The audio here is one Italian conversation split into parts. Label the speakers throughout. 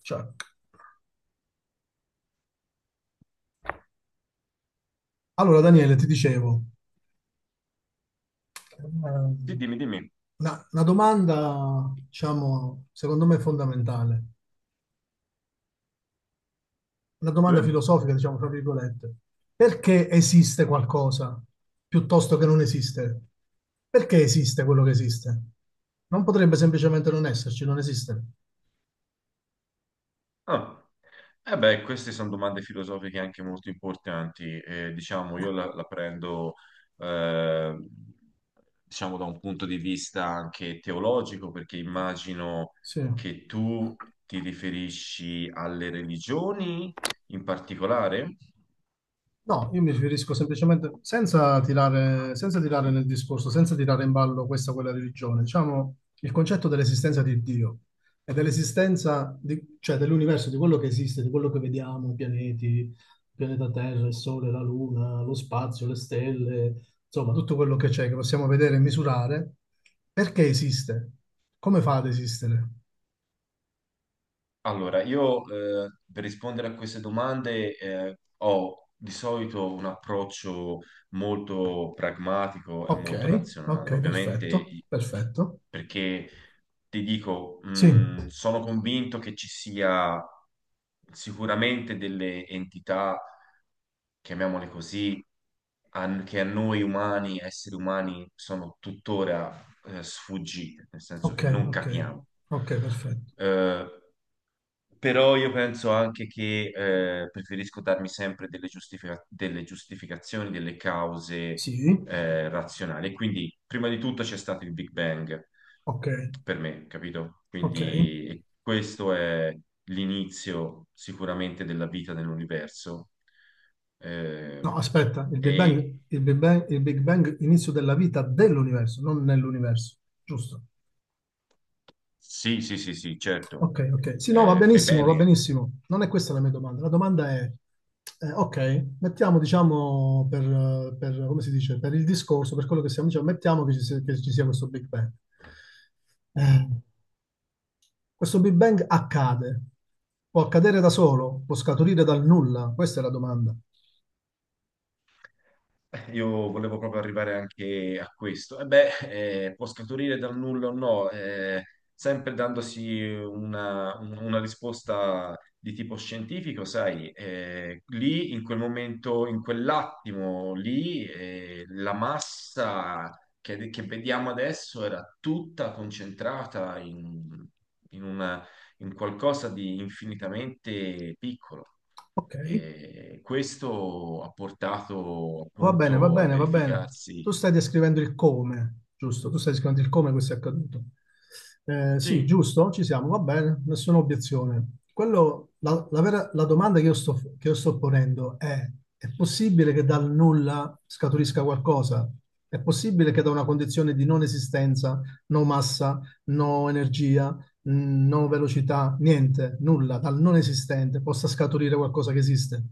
Speaker 1: Cioè, allora, Daniele, ti dicevo, eh,
Speaker 2: Sì, dimmi, dimmi.
Speaker 1: una domanda, diciamo, secondo me fondamentale, una domanda
Speaker 2: Eh?
Speaker 1: filosofica, diciamo, tra virgolette. Perché esiste qualcosa piuttosto che non esiste? Perché esiste quello che esiste? Non potrebbe semplicemente non esserci, non esiste.
Speaker 2: Ah. Eh beh, queste sono domande filosofiche anche molto importanti. Diciamo, io la prendo, eh, diciamo, da un punto di vista anche teologico, perché immagino
Speaker 1: Sì.
Speaker 2: che tu ti riferisci alle religioni in particolare.
Speaker 1: No, io mi riferisco semplicemente, senza tirare nel discorso, senza tirare in ballo questa o quella religione, diciamo il concetto dell'esistenza di Dio e dell'esistenza, cioè dell'universo, di quello che esiste, di quello che vediamo, i pianeti, il pianeta Terra, il Sole, la Luna, lo spazio, le stelle, insomma tutto quello che c'è, che possiamo vedere e misurare, perché esiste? Come fa ad esistere?
Speaker 2: Allora, io per rispondere a queste domande ho di solito un approccio molto pragmatico e
Speaker 1: Ok,
Speaker 2: molto razionale.
Speaker 1: ok,
Speaker 2: Ovviamente,
Speaker 1: perfetto, perfetto.
Speaker 2: perché ti dico,
Speaker 1: Sì,
Speaker 2: sono convinto che ci sia sicuramente delle entità, chiamiamole così, che a noi umani, esseri umani, sono tuttora sfuggite, nel senso
Speaker 1: ok,
Speaker 2: che non
Speaker 1: ok,
Speaker 2: capiamo.
Speaker 1: ok, perfetto.
Speaker 2: Eh, però io penso anche che preferisco darmi sempre delle giustificazioni, delle cause
Speaker 1: Sì,
Speaker 2: razionali. E quindi, prima di tutto c'è stato il Big Bang
Speaker 1: ok,
Speaker 2: per me, capito?
Speaker 1: ok.
Speaker 2: Quindi e questo è l'inizio sicuramente della vita nell'universo.
Speaker 1: No,
Speaker 2: Ehm,
Speaker 1: aspetta, il Big
Speaker 2: e
Speaker 1: Bang, il Big Bang, il Big Bang, inizio della vita dell'universo, non nell'universo, giusto?
Speaker 2: sì, sì, sì, sì, certo.
Speaker 1: Ok, ok. Sì, no, va
Speaker 2: Fai
Speaker 1: benissimo, va
Speaker 2: bene.
Speaker 1: benissimo. Non è questa la mia domanda. La domanda è, ok, mettiamo, diciamo, come si dice, per il discorso, per quello che stiamo dicendo, mettiamo che ci sia questo Big Bang. Eh, Questo Big Bang accade, può accadere da solo, può scaturire dal nulla, questa è la domanda.
Speaker 2: Io volevo proprio arrivare anche a questo. E beh, può scaturire dal nulla o no, sempre dandosi una risposta di tipo scientifico, sai, lì in quel momento, in quell'attimo lì, la massa che vediamo adesso era tutta concentrata in, in una- in qualcosa di infinitamente piccolo.
Speaker 1: Ok,
Speaker 2: E questo ha portato
Speaker 1: va bene, va
Speaker 2: appunto al
Speaker 1: bene, va bene.
Speaker 2: verificarsi.
Speaker 1: Tu stai descrivendo il come, giusto? Tu stai descrivendo il come questo è accaduto. Sì,
Speaker 2: Sì.
Speaker 1: giusto, ci siamo, va bene, nessuna obiezione. Quello, la domanda che io sto ponendo è possibile che dal nulla scaturisca qualcosa? È possibile che da una condizione di non esistenza, no massa, no energia, no velocità, niente, nulla, dal non esistente possa scaturire qualcosa che esiste?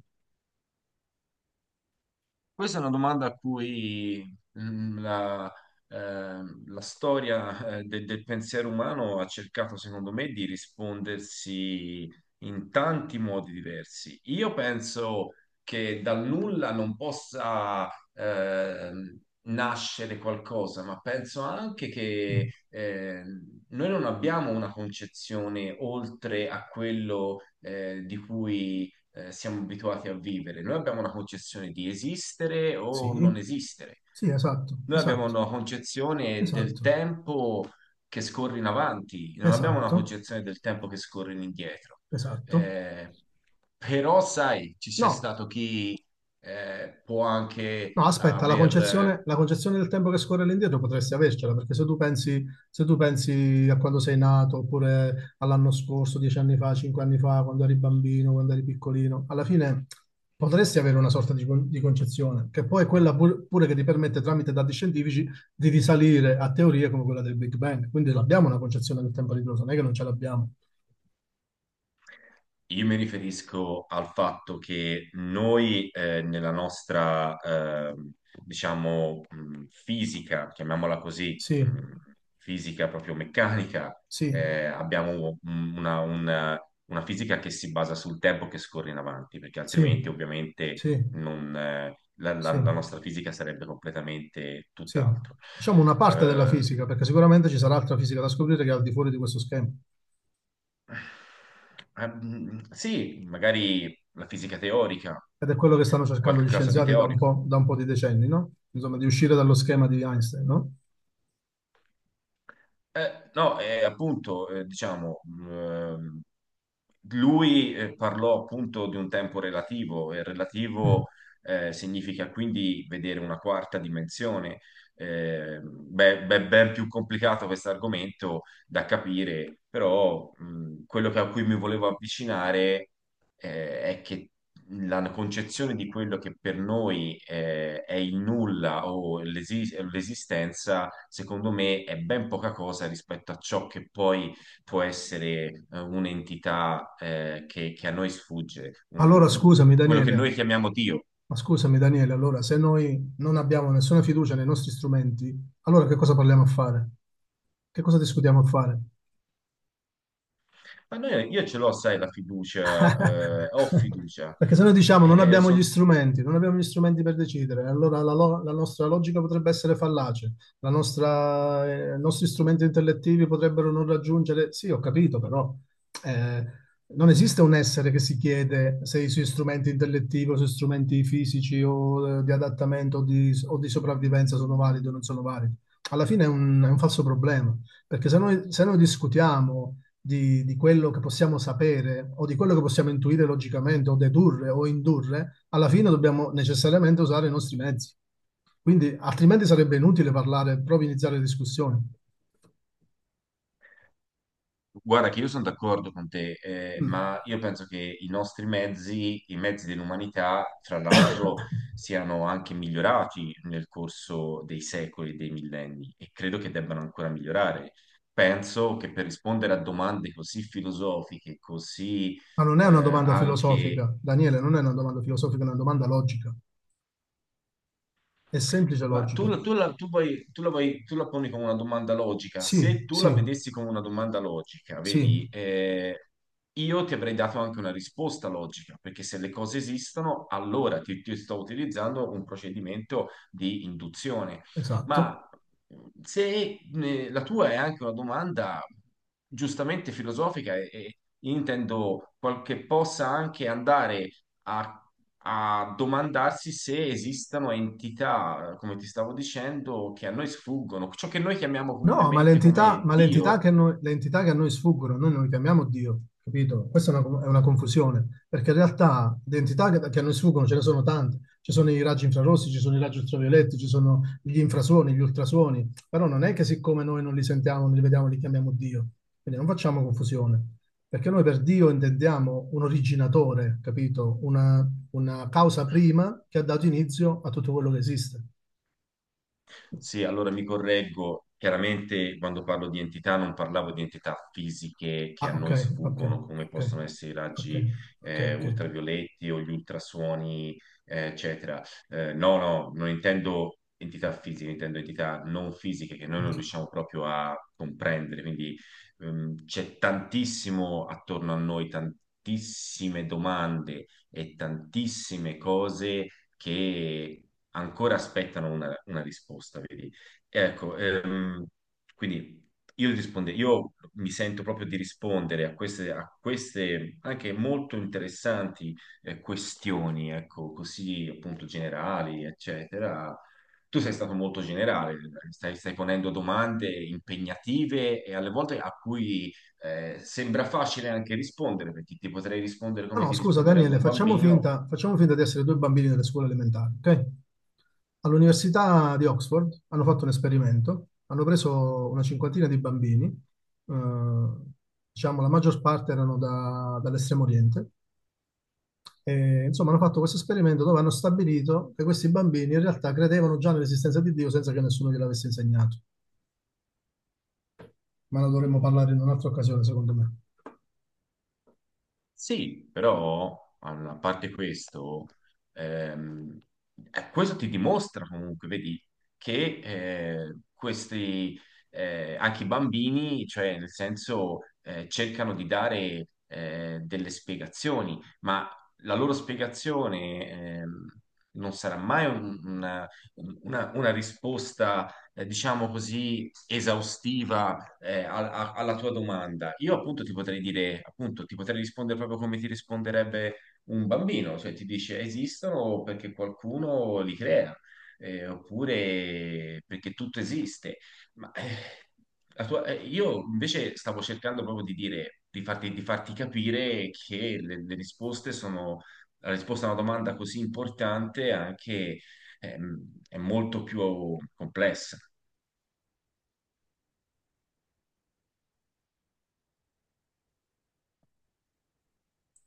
Speaker 2: Questa è una domanda a cui mm, la, la storia del pensiero umano ha cercato, secondo me, di rispondersi in tanti modi diversi. Io penso che dal nulla non possa ehm, nascere qualcosa, ma penso anche
Speaker 1: Mm.
Speaker 2: che noi non abbiamo una concezione oltre a quello di cui siamo abituati a vivere. Noi abbiamo una concezione di esistere o
Speaker 1: Sì,
Speaker 2: non esistere.
Speaker 1: sì, esatto,
Speaker 2: Noi abbiamo
Speaker 1: esatto,
Speaker 2: una concezione del
Speaker 1: esatto,
Speaker 2: tempo che scorre in avanti, non abbiamo una
Speaker 1: esatto,
Speaker 2: concezione del tempo che scorre in indietro.
Speaker 1: esatto.
Speaker 2: Eh, però, sai, ci c'è
Speaker 1: No,
Speaker 2: stato chi può
Speaker 1: no,
Speaker 2: anche
Speaker 1: aspetta, la
Speaker 2: aver...
Speaker 1: concezione, la concezione del tempo che scorre all'indietro potresti avercela, perché se tu pensi a quando sei nato, oppure all'anno scorso, 10 anni fa, 5 anni fa, quando eri bambino, quando eri piccolino, alla fine potresti avere una sorta di concezione, che poi è quella pure che ti permette, tramite dati scientifici, di risalire a teorie come quella del Big Bang. Quindi l'abbiamo una concezione del tempo ritroso, non è che non ce l'abbiamo.
Speaker 2: Io mi riferisco al fatto che noi nella nostra, diciamo, fisica, chiamiamola così,
Speaker 1: Sì,
Speaker 2: fisica proprio meccanica,
Speaker 1: sì,
Speaker 2: abbiamo una fisica che si basa sul tempo che scorre in avanti, perché
Speaker 1: sì,
Speaker 2: altrimenti ovviamente
Speaker 1: sì,
Speaker 2: non,
Speaker 1: sì,
Speaker 2: la nostra fisica sarebbe completamente
Speaker 1: sì.
Speaker 2: tutt'altro.
Speaker 1: Diciamo una parte della
Speaker 2: Eh,
Speaker 1: fisica, perché sicuramente ci sarà altra fisica da scoprire che è al di fuori di questo schema.
Speaker 2: Ah, mm, sì, magari la fisica teorica,
Speaker 1: Ed è quello che stanno cercando gli
Speaker 2: qualcosa di
Speaker 1: scienziati
Speaker 2: teorico.
Speaker 1: da un po' di decenni, no? Insomma, di uscire dallo schema di Einstein, no?
Speaker 2: No, appunto, diciamo, lui parlò appunto di un tempo relativo e
Speaker 1: Mm.
Speaker 2: relativo significa quindi vedere una quarta dimensione. Beh, beh, ben più complicato questo argomento da capire, però quello a cui mi volevo avvicinare è che la concezione di quello che per noi è il nulla o l'esistenza, secondo me, è ben poca cosa rispetto a ciò che poi può essere un'entità che a noi sfugge,
Speaker 1: Allora,
Speaker 2: quello che noi chiamiamo Dio.
Speaker 1: Scusami, Daniele, allora, se noi non abbiamo nessuna fiducia nei nostri strumenti, allora che cosa parliamo a fare? Che cosa discutiamo a fare?
Speaker 2: Ma io ce l'ho, sai, la fiducia, ho fiducia.
Speaker 1: Perché se noi diciamo
Speaker 2: Eh, sol-
Speaker 1: non abbiamo gli strumenti per decidere, allora la nostra logica potrebbe essere fallace, i nostri strumenti intellettivi potrebbero non raggiungere. Sì, ho capito, però eh, non esiste un essere che si chiede se i suoi strumenti intellettivi o i suoi strumenti fisici o di adattamento o o di sopravvivenza sono validi o non sono validi. Alla fine è un falso problema, perché se noi discutiamo di quello che possiamo sapere o di quello che possiamo intuire logicamente o dedurre o indurre, alla fine dobbiamo necessariamente usare i nostri mezzi. Quindi altrimenti sarebbe inutile parlare, proprio iniziare discussioni.
Speaker 2: Guarda che io sono d'accordo con te,
Speaker 1: Mm.
Speaker 2: ma io penso che i nostri mezzi, i mezzi dell'umanità, fra l'altro, siano anche migliorati nel corso dei secoli e dei millenni e credo che debbano ancora migliorare. Penso che per rispondere a domande così filosofiche, così
Speaker 1: Ma non è
Speaker 2: eh,
Speaker 1: una domanda
Speaker 2: anche...
Speaker 1: filosofica, Daniele, non è una domanda filosofica, è una domanda logica. È semplice
Speaker 2: Ma tu,
Speaker 1: logica.
Speaker 2: la- tu la, tu vuoi- tu la poni come una domanda logica. Se
Speaker 1: Sì,
Speaker 2: tu la
Speaker 1: sì,
Speaker 2: vedessi come una domanda logica,
Speaker 1: sì,
Speaker 2: vedi, io ti avrei dato anche una risposta logica, perché se le cose esistono, allora ti sto utilizzando un procedimento di induzione.
Speaker 1: esatto.
Speaker 2: Ma se la tua è anche una domanda giustamente filosofica e intendo che possa anche andare a, a domandarsi se esistano entità, come ti stavo dicendo, che a noi sfuggono, ciò che noi chiamiamo
Speaker 1: No,
Speaker 2: comunemente come
Speaker 1: ma le entità
Speaker 2: Dio.
Speaker 1: che a noi, le entità che a noi sfuggono, noi non le chiamiamo Dio, capito? Questa è una confusione, perché in realtà le entità che a noi sfuggono ce ne sono tante. Ci sono i raggi infrarossi, ci sono i raggi ultravioletti, ci sono gli infrasuoni, gli ultrasuoni, però non è che siccome noi non li sentiamo, non li vediamo, li chiamiamo Dio. Quindi non facciamo confusione, perché noi per Dio intendiamo un originatore, capito? Una causa prima che ha dato inizio a tutto quello che esiste.
Speaker 2: Sì, allora mi correggo. Chiaramente quando parlo di entità non parlavo di entità fisiche che a
Speaker 1: Ah, ok,
Speaker 2: noi
Speaker 1: ok,
Speaker 2: sfuggono, come
Speaker 1: ok,
Speaker 2: possono essere i
Speaker 1: ok,
Speaker 2: raggi
Speaker 1: ok, ok,
Speaker 2: ultravioletti o gli ultrasuoni, eccetera. No, no, non intendo entità fisiche, intendo entità non fisiche che noi
Speaker 1: ok.
Speaker 2: non riusciamo proprio a comprendere. Quindi c'è tantissimo attorno a noi, tantissime domande e tantissime cose che ancora aspettano una risposta, vedi? Ecco, quindi io mi sento proprio di rispondere a queste anche molto interessanti questioni, ecco, così appunto generali, eccetera. Tu sei stato molto generale, stai ponendo domande impegnative e alle volte a cui sembra facile anche rispondere, perché ti potrei rispondere
Speaker 1: Ma
Speaker 2: come
Speaker 1: no,
Speaker 2: ti
Speaker 1: scusa
Speaker 2: risponderebbe
Speaker 1: Daniele,
Speaker 2: un bambino.
Speaker 1: facciamo finta di essere due bambini delle scuole elementari, ok? All'Università di Oxford hanno fatto un esperimento, hanno preso una cinquantina di bambini, diciamo la maggior parte erano dall'estremo oriente, e insomma hanno fatto questo esperimento dove hanno stabilito che questi bambini in realtà credevano già nell'esistenza di Dio senza che nessuno gliel'avesse insegnato, ma ne dovremmo parlare in un'altra occasione, secondo me.
Speaker 2: Sì, però allora, a parte questo, ehm, questo ti dimostra comunque, vedi, che eh, questi, anche i bambini, cioè nel senso, cercano di dare delle spiegazioni, ma la loro spiegazione non sarà mai una risposta, diciamo così, esaustiva alla tua domanda, io appunto ti potrei dire, appunto, ti potrei rispondere proprio come ti risponderebbe un bambino, cioè ti dice esistono perché qualcuno li crea, oppure perché tutto esiste. Ma io invece stavo cercando proprio di dire, di farti capire che le risposte sono, la risposta a una domanda così importante anche è molto più complessa.